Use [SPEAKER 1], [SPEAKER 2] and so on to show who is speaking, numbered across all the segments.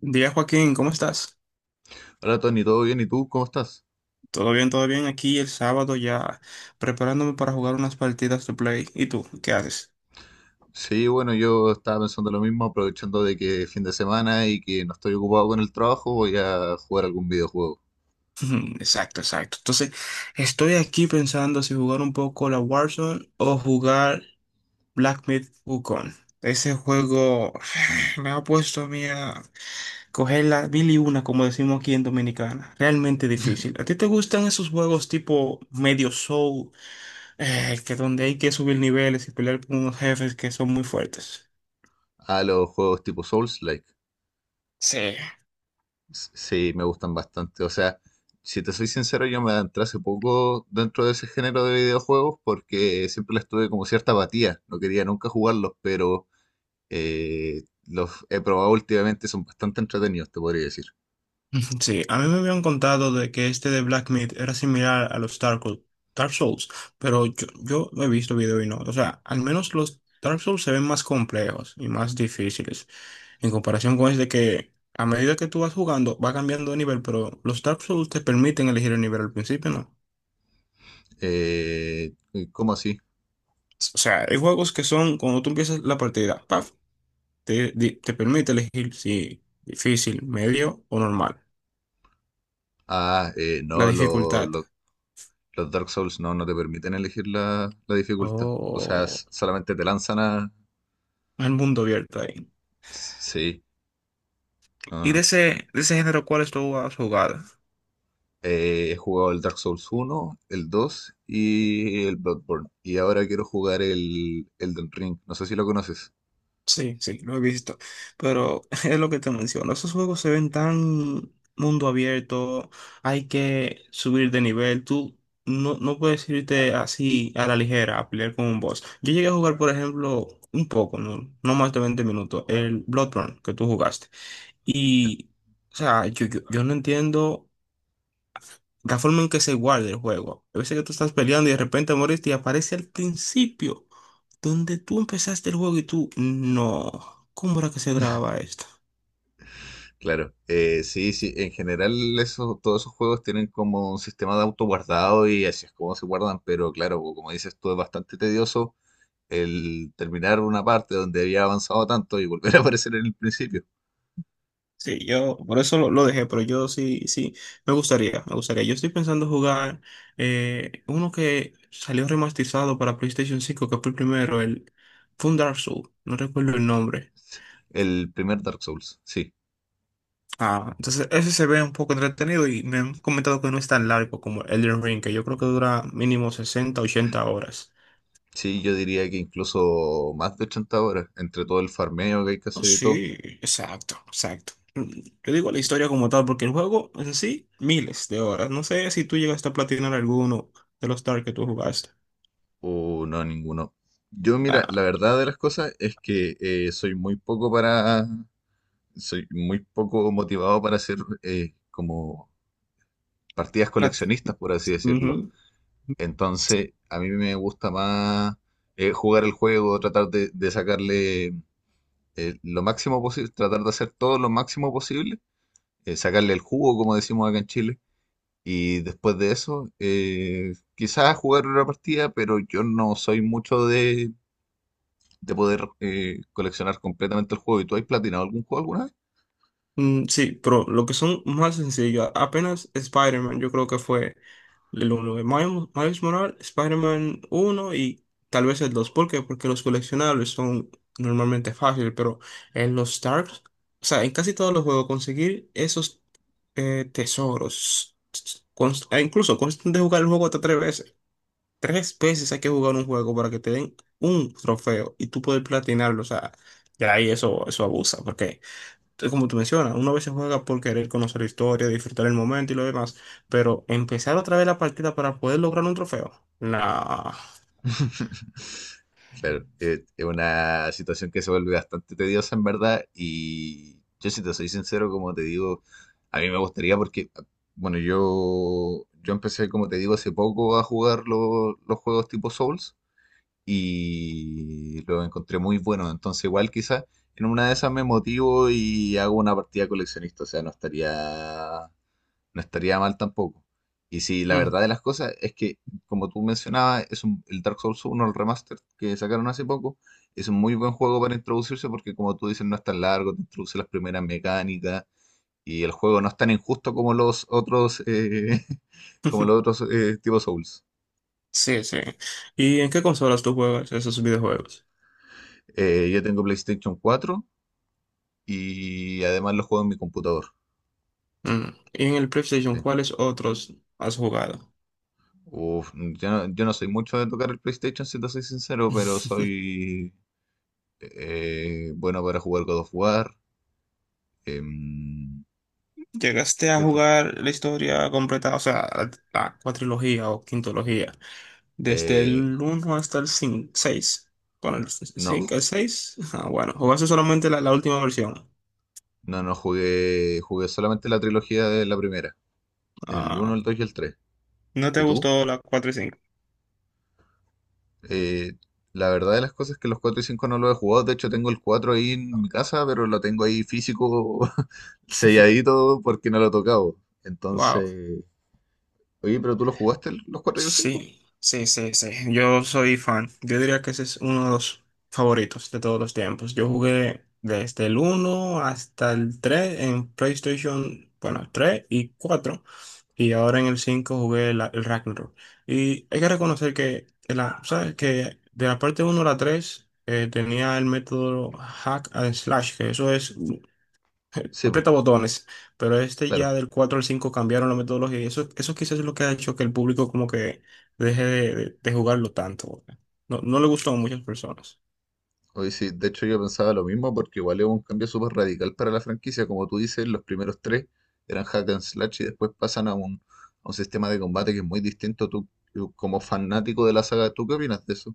[SPEAKER 1] Día Joaquín, ¿cómo estás?
[SPEAKER 2] Hola Tony, ¿todo bien? ¿Y tú cómo estás?
[SPEAKER 1] Todo bien, todo bien. Aquí el sábado ya preparándome para jugar unas partidas de play. ¿Y tú? ¿Qué haces?
[SPEAKER 2] Sí, bueno, yo estaba pensando lo mismo, aprovechando de que es fin de semana y que no estoy ocupado con el trabajo, voy a jugar algún videojuego.
[SPEAKER 1] Exacto, exacto. Entonces, estoy aquí pensando si jugar un poco la Warzone o jugar Black Myth Wukong. Ese juego me ha puesto a mí a coger la mil y una, como decimos aquí en Dominicana. Realmente difícil. ¿A ti te gustan esos juegos tipo medio soul, que donde hay que subir niveles y pelear con unos jefes que son muy fuertes?
[SPEAKER 2] A los juegos tipo Souls-like.
[SPEAKER 1] Sí.
[SPEAKER 2] Sí, me gustan bastante. O sea, si te soy sincero, yo me adentré hace poco dentro de ese género de videojuegos porque siempre les tuve como cierta apatía. No quería nunca jugarlos, pero los he probado últimamente, son bastante entretenidos, te podría decir.
[SPEAKER 1] Sí, a mí me habían contado de que este de Black Myth era similar a los Dark Souls, pero yo no he visto video y no. O sea, al menos los Dark Souls se ven más complejos y más difíciles en comparación con este que a medida que tú vas jugando va cambiando de nivel, pero los Dark Souls te permiten elegir el nivel al principio, ¿no?
[SPEAKER 2] Eh, ¿Cómo así?
[SPEAKER 1] O sea, hay juegos que son cuando tú empiezas la partida, ¡paf! Te, te permite elegir si difícil, medio o normal.
[SPEAKER 2] Ah,
[SPEAKER 1] La
[SPEAKER 2] no,
[SPEAKER 1] dificultad.
[SPEAKER 2] los Dark Souls no, te permiten elegir la dificultad. O sea,
[SPEAKER 1] Oh.
[SPEAKER 2] solamente te lanzan a...
[SPEAKER 1] El mundo abierto ahí.
[SPEAKER 2] Sí, no,
[SPEAKER 1] ¿Y de
[SPEAKER 2] no.
[SPEAKER 1] ese género, cuáles tú has jugado?
[SPEAKER 2] He jugado el Dark Souls uno, el 2 y el Bloodborne. Y ahora quiero jugar el Elden Ring. No sé si lo conoces.
[SPEAKER 1] Sí, sí, lo he visto. Pero es lo que te menciono. Esos juegos se ven tan mundo abierto. Hay que subir de nivel. Tú no puedes irte así a la ligera a pelear con un boss. Yo llegué a jugar, por ejemplo, un poco, no más de 20 minutos, el Bloodborne que tú jugaste.
[SPEAKER 2] Ya.
[SPEAKER 1] Y, o sea, yo no entiendo la forma en que se guarda el juego. A veces que tú estás peleando y de repente moriste y aparece al principio, donde tú empezaste el juego y tú, no, ¿cómo era que se grababa esto?
[SPEAKER 2] Claro, sí, sí, en general eso, todos esos juegos tienen como un sistema de autoguardado y así es como se guardan, pero claro, como dices tú, es bastante tedioso el terminar una parte donde había avanzado tanto y volver a aparecer en el principio.
[SPEAKER 1] Sí, yo por eso lo dejé, pero yo sí, sí, me gustaría. Yo estoy pensando jugar uno que salió remasterizado para PlayStation 5, que fue el primero, el fue un Dark Souls, no recuerdo el nombre.
[SPEAKER 2] El primer Dark Souls, sí.
[SPEAKER 1] Ah, entonces ese se ve un poco entretenido y me han comentado que no es tan largo como Elden Ring, que yo creo que dura mínimo 60, 80 horas.
[SPEAKER 2] Sí, yo diría que incluso más de 80 horas, entre todo el farmeo que hay que
[SPEAKER 1] Oh,
[SPEAKER 2] hacer y todo.
[SPEAKER 1] sí, exacto, exacto. Mm, yo digo la historia como tal, porque el juego en sí, miles de horas. No sé si tú llegaste a platinar alguno de los Dark que tú jugaste.
[SPEAKER 2] O no, ninguno. Yo, mira, la
[SPEAKER 1] Ah,
[SPEAKER 2] verdad de las cosas es que soy muy poco para. Soy muy poco motivado para hacer como partidas
[SPEAKER 1] plat.
[SPEAKER 2] coleccionistas, por así decirlo. Entonces, a mí me gusta más jugar el juego, tratar de sacarle lo máximo posible, tratar de hacer todo lo máximo posible, sacarle el jugo, como decimos acá en Chile. Y después de eso, quizás jugar una partida, pero yo no soy mucho de poder coleccionar completamente el juego. ¿Y tú has platinado algún juego alguna vez?
[SPEAKER 1] Mm, sí, pero lo que son más sencillas, apenas Spider-Man, yo creo que fue el uno de Miles Morales, Spider-Man 1 y tal vez el dos. ¿Por qué? Porque los coleccionables son normalmente fáciles, pero en los Starks, o sea, en casi todos los juegos conseguir esos tesoros, e incluso consta de jugar el juego hasta tres veces. Tres veces hay que jugar un juego para que te den un trofeo y tú puedes platinarlo, o sea, ya ahí eso abusa, porque entonces, como tú mencionas, uno a veces juega por querer conocer la historia, disfrutar el momento y lo demás, pero empezar otra vez la partida para poder lograr un trofeo. Nah.
[SPEAKER 2] Claro, es una situación que se vuelve bastante tediosa en verdad y yo si te soy sincero, como te digo, a mí me gustaría porque, bueno, yo empecé, como te digo, hace poco a jugar los juegos tipo Souls y lo encontré muy bueno. Entonces, igual quizás en una de esas me motivo y hago una partida coleccionista. O sea, no estaría mal tampoco. Y sí, la
[SPEAKER 1] Mm.
[SPEAKER 2] verdad de las cosas es que, como tú mencionabas, es el Dark Souls uno, el remaster que sacaron hace poco, es un muy buen juego para introducirse porque, como tú dices, no es tan largo, te introduce las primeras mecánicas y el juego no es tan injusto como los otros, como los otros tipo Souls.
[SPEAKER 1] Sí, sí. ¿Y en qué consolas tú juegas esos videojuegos?
[SPEAKER 2] Yo tengo PlayStation cuatro y además lo juego en mi computador.
[SPEAKER 1] Mm. ¿Y en el PlayStation,
[SPEAKER 2] Sí.
[SPEAKER 1] cuáles otros has jugado?
[SPEAKER 2] Uf, yo no soy mucho de tocar el PlayStation, si te soy sincero, pero soy bueno para jugar God of War. em,
[SPEAKER 1] ¿Llegaste a
[SPEAKER 2] ¿Qué otro?
[SPEAKER 1] jugar la historia completa, o sea, la cuatrilogía o quintología, desde
[SPEAKER 2] Eh,
[SPEAKER 1] el uno hasta el cinco, seis? Bueno, el 5,
[SPEAKER 2] no,
[SPEAKER 1] el 6. Ah, bueno, jugaste solamente la última versión.
[SPEAKER 2] no, no jugué, jugué solamente la trilogía de la primera, el uno,
[SPEAKER 1] Ah,
[SPEAKER 2] el 2 y el tres.
[SPEAKER 1] ¿no te
[SPEAKER 2] ¿Y tú?
[SPEAKER 1] gustó la 4 y cinco?
[SPEAKER 2] Eh, la verdad de las cosas es que los 4 y 5 no los he jugado, de hecho tengo el 4 ahí en mi casa, pero lo tengo ahí físico, selladito, porque no lo he tocado.
[SPEAKER 1] Wow.
[SPEAKER 2] Entonces... Oye, pero tú lo jugaste los 4 y el cinco.
[SPEAKER 1] Sí, sí, sí, sí. Yo soy fan. Yo diría que ese es uno de los favoritos de todos los tiempos. Yo jugué desde el uno hasta el 3 en PlayStation, bueno, 3 y 4, y ahora en el 5 jugué el Ragnarok. Y hay que reconocer que, la, ¿sabes? Que de la parte uno a la 3 tenía el método hack and slash, que eso es
[SPEAKER 2] Sí, pues,
[SPEAKER 1] aprieta botones, pero este ya
[SPEAKER 2] claro.
[SPEAKER 1] del 4 al 5 cambiaron la metodología y eso quizás es lo que ha hecho que el público como que deje de, de jugarlo tanto. Porque no, no le gustó a muchas personas.
[SPEAKER 2] Oye, sí, de hecho yo pensaba lo mismo porque igual es un cambio súper radical para la franquicia. Como tú dices, los primeros tres eran hack and slash y después pasan a a un sistema de combate que es muy distinto. Tú como fanático de la saga, ¿tú qué opinas de eso?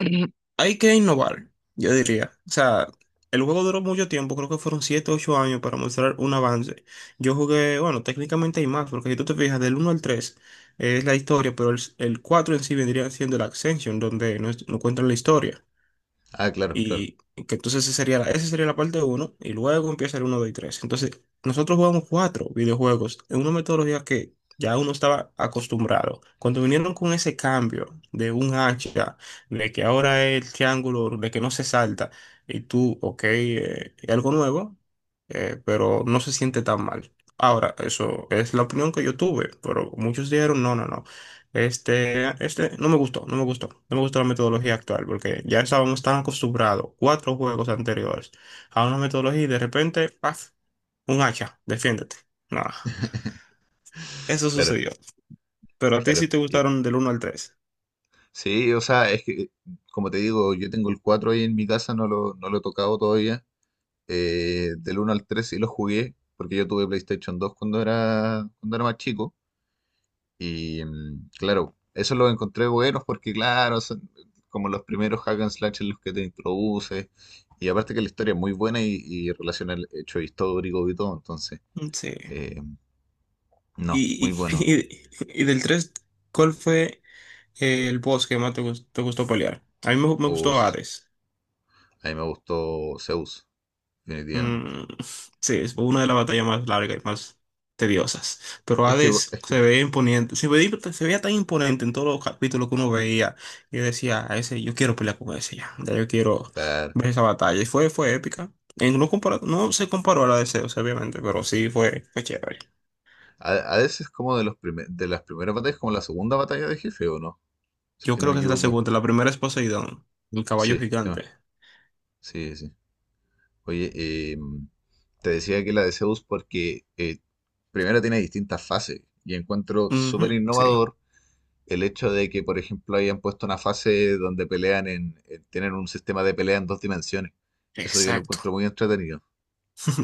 [SPEAKER 1] Ujú. Hay que innovar, yo diría. O sea, el juego duró mucho tiempo, creo que fueron 7 o 8 años para mostrar un avance. Yo jugué, bueno, técnicamente hay más, porque si tú te fijas, del uno al 3 es la historia, pero el 4 en sí vendría siendo la Ascension, donde no, no cuentan la historia.
[SPEAKER 2] Ah, claro, claro,
[SPEAKER 1] Y que entonces esa sería la parte uno y luego empieza el uno 2 y tres. Entonces, nosotros jugamos cuatro videojuegos en una metodología que ya uno estaba acostumbrado. Cuando vinieron con ese cambio de un hacha, de que ahora es el triángulo, de que no se salta, y tú, ok, es algo nuevo, pero no se siente tan mal. Ahora, eso es la opinión que yo tuve, pero muchos dijeron, no, no, no. Este no me gustó, no me gustó, no me gustó la metodología actual porque ya estábamos tan acostumbrados, cuatro juegos anteriores, a una metodología y de repente, ¡paf! Un hacha, defiéndete. Nada. Eso
[SPEAKER 2] claro,
[SPEAKER 1] sucedió. Pero a ti sí
[SPEAKER 2] claro.
[SPEAKER 1] te gustaron del uno al tres.
[SPEAKER 2] Sí, o sea, es que, como te digo, yo tengo el 4 ahí en mi casa, no lo he tocado todavía. Del 1 al 3 sí lo jugué porque yo tuve PlayStation dos cuando era más chico. Y claro, eso lo encontré buenos porque, claro, son como los primeros hack and slash en los que te introduces. Y aparte que la historia es muy buena y relaciona el hecho histórico y todo. Entonces,
[SPEAKER 1] Sí.
[SPEAKER 2] eh, no, muy
[SPEAKER 1] Y, y,
[SPEAKER 2] bueno.
[SPEAKER 1] y- y del 3, ¿cuál fue el boss que más te te gustó pelear? A mí me, me
[SPEAKER 2] O
[SPEAKER 1] gustó
[SPEAKER 2] s-
[SPEAKER 1] Hades.
[SPEAKER 2] a mí me gustó Zeus, definitivamente.
[SPEAKER 1] Mm, sí, es una de las batallas más largas y más tediosas. Pero Hades
[SPEAKER 2] Es que
[SPEAKER 1] se ve imponente, se veía tan imponente en todos los capítulos que uno veía. Yo decía, a ese, yo quiero pelear con ese ya, ya yo quiero
[SPEAKER 2] claro,
[SPEAKER 1] ver esa batalla. Y fue, fue épica. No, no se comparó a la de Zeus, obviamente, pero sí fue, fue chévere.
[SPEAKER 2] a veces como de los de las primeras batallas, como la segunda batalla de jefe, ¿o no? Si es
[SPEAKER 1] Yo
[SPEAKER 2] que no
[SPEAKER 1] creo
[SPEAKER 2] me
[SPEAKER 1] que es la
[SPEAKER 2] equivoco.
[SPEAKER 1] segunda, la primera es Poseidón, el caballo
[SPEAKER 2] Sí, sí,
[SPEAKER 1] gigante.
[SPEAKER 2] sí, sí. Oye, te decía que la de Zeus porque primero tiene distintas fases y encuentro súper
[SPEAKER 1] Ujú, sí,
[SPEAKER 2] innovador el hecho de que, por ejemplo, hayan puesto una fase donde pelean en, tienen un sistema de pelea en dos dimensiones. Eso yo lo encuentro
[SPEAKER 1] exacto.
[SPEAKER 2] muy entretenido.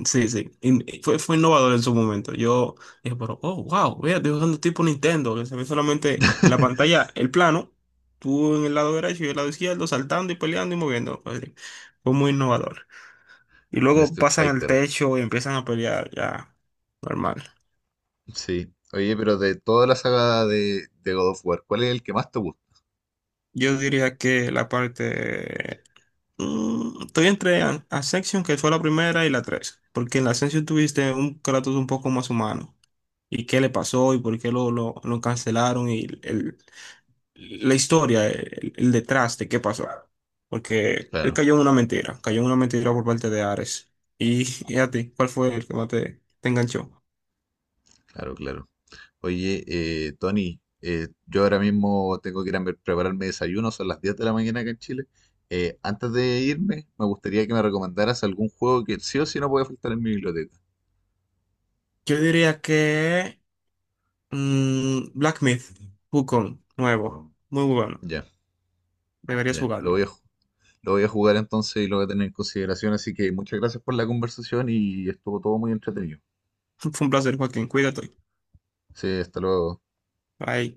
[SPEAKER 1] Sí, sí. Fue, fue innovador en su momento. Yo dije, pero, oh, wow, vea, estoy jugando tipo Nintendo, que se ve solamente la pantalla, el plano, tú en el lado derecho y el lado izquierdo, saltando y peleando y moviendo. Fue fue muy innovador. Y
[SPEAKER 2] Un
[SPEAKER 1] luego
[SPEAKER 2] Street
[SPEAKER 1] pasan al
[SPEAKER 2] Fighter.
[SPEAKER 1] techo y empiezan a pelear, ya, normal.
[SPEAKER 2] Sí. Oye, pero de toda la saga de God of War, ¿cuál es el que más te gusta?
[SPEAKER 1] Yo diría que la parte... mm, estoy entre Ascension, que fue la primera, y la tres. Porque en la Ascension tuviste un Kratos un poco más humano y qué le pasó y por qué lo cancelaron y la historia, el detrás de qué pasó. Porque él
[SPEAKER 2] Claro,
[SPEAKER 1] cayó en una mentira, cayó en una mentira por parte de Ares. Y, a ti, ¿cuál fue el que más te, te enganchó?
[SPEAKER 2] claro, claro. Oye, Tony, yo ahora mismo tengo que ir a prepararme desayuno, son las 10 de la mañana acá en Chile. Antes de irme, me gustaría que me recomendaras algún juego que sí o sí no puede faltar en mi biblioteca.
[SPEAKER 1] Yo diría que mm, Black Myth, Wukong, nuevo, muy bueno.
[SPEAKER 2] Ya,
[SPEAKER 1] Deberías
[SPEAKER 2] ya, lo
[SPEAKER 1] jugarlo.
[SPEAKER 2] voy a, lo voy a jugar entonces y lo voy a tener en consideración, así que muchas gracias por la conversación y estuvo todo muy entretenido.
[SPEAKER 1] Fue un placer, Joaquín. Cuídate.
[SPEAKER 2] Sí, hasta luego.
[SPEAKER 1] Bye.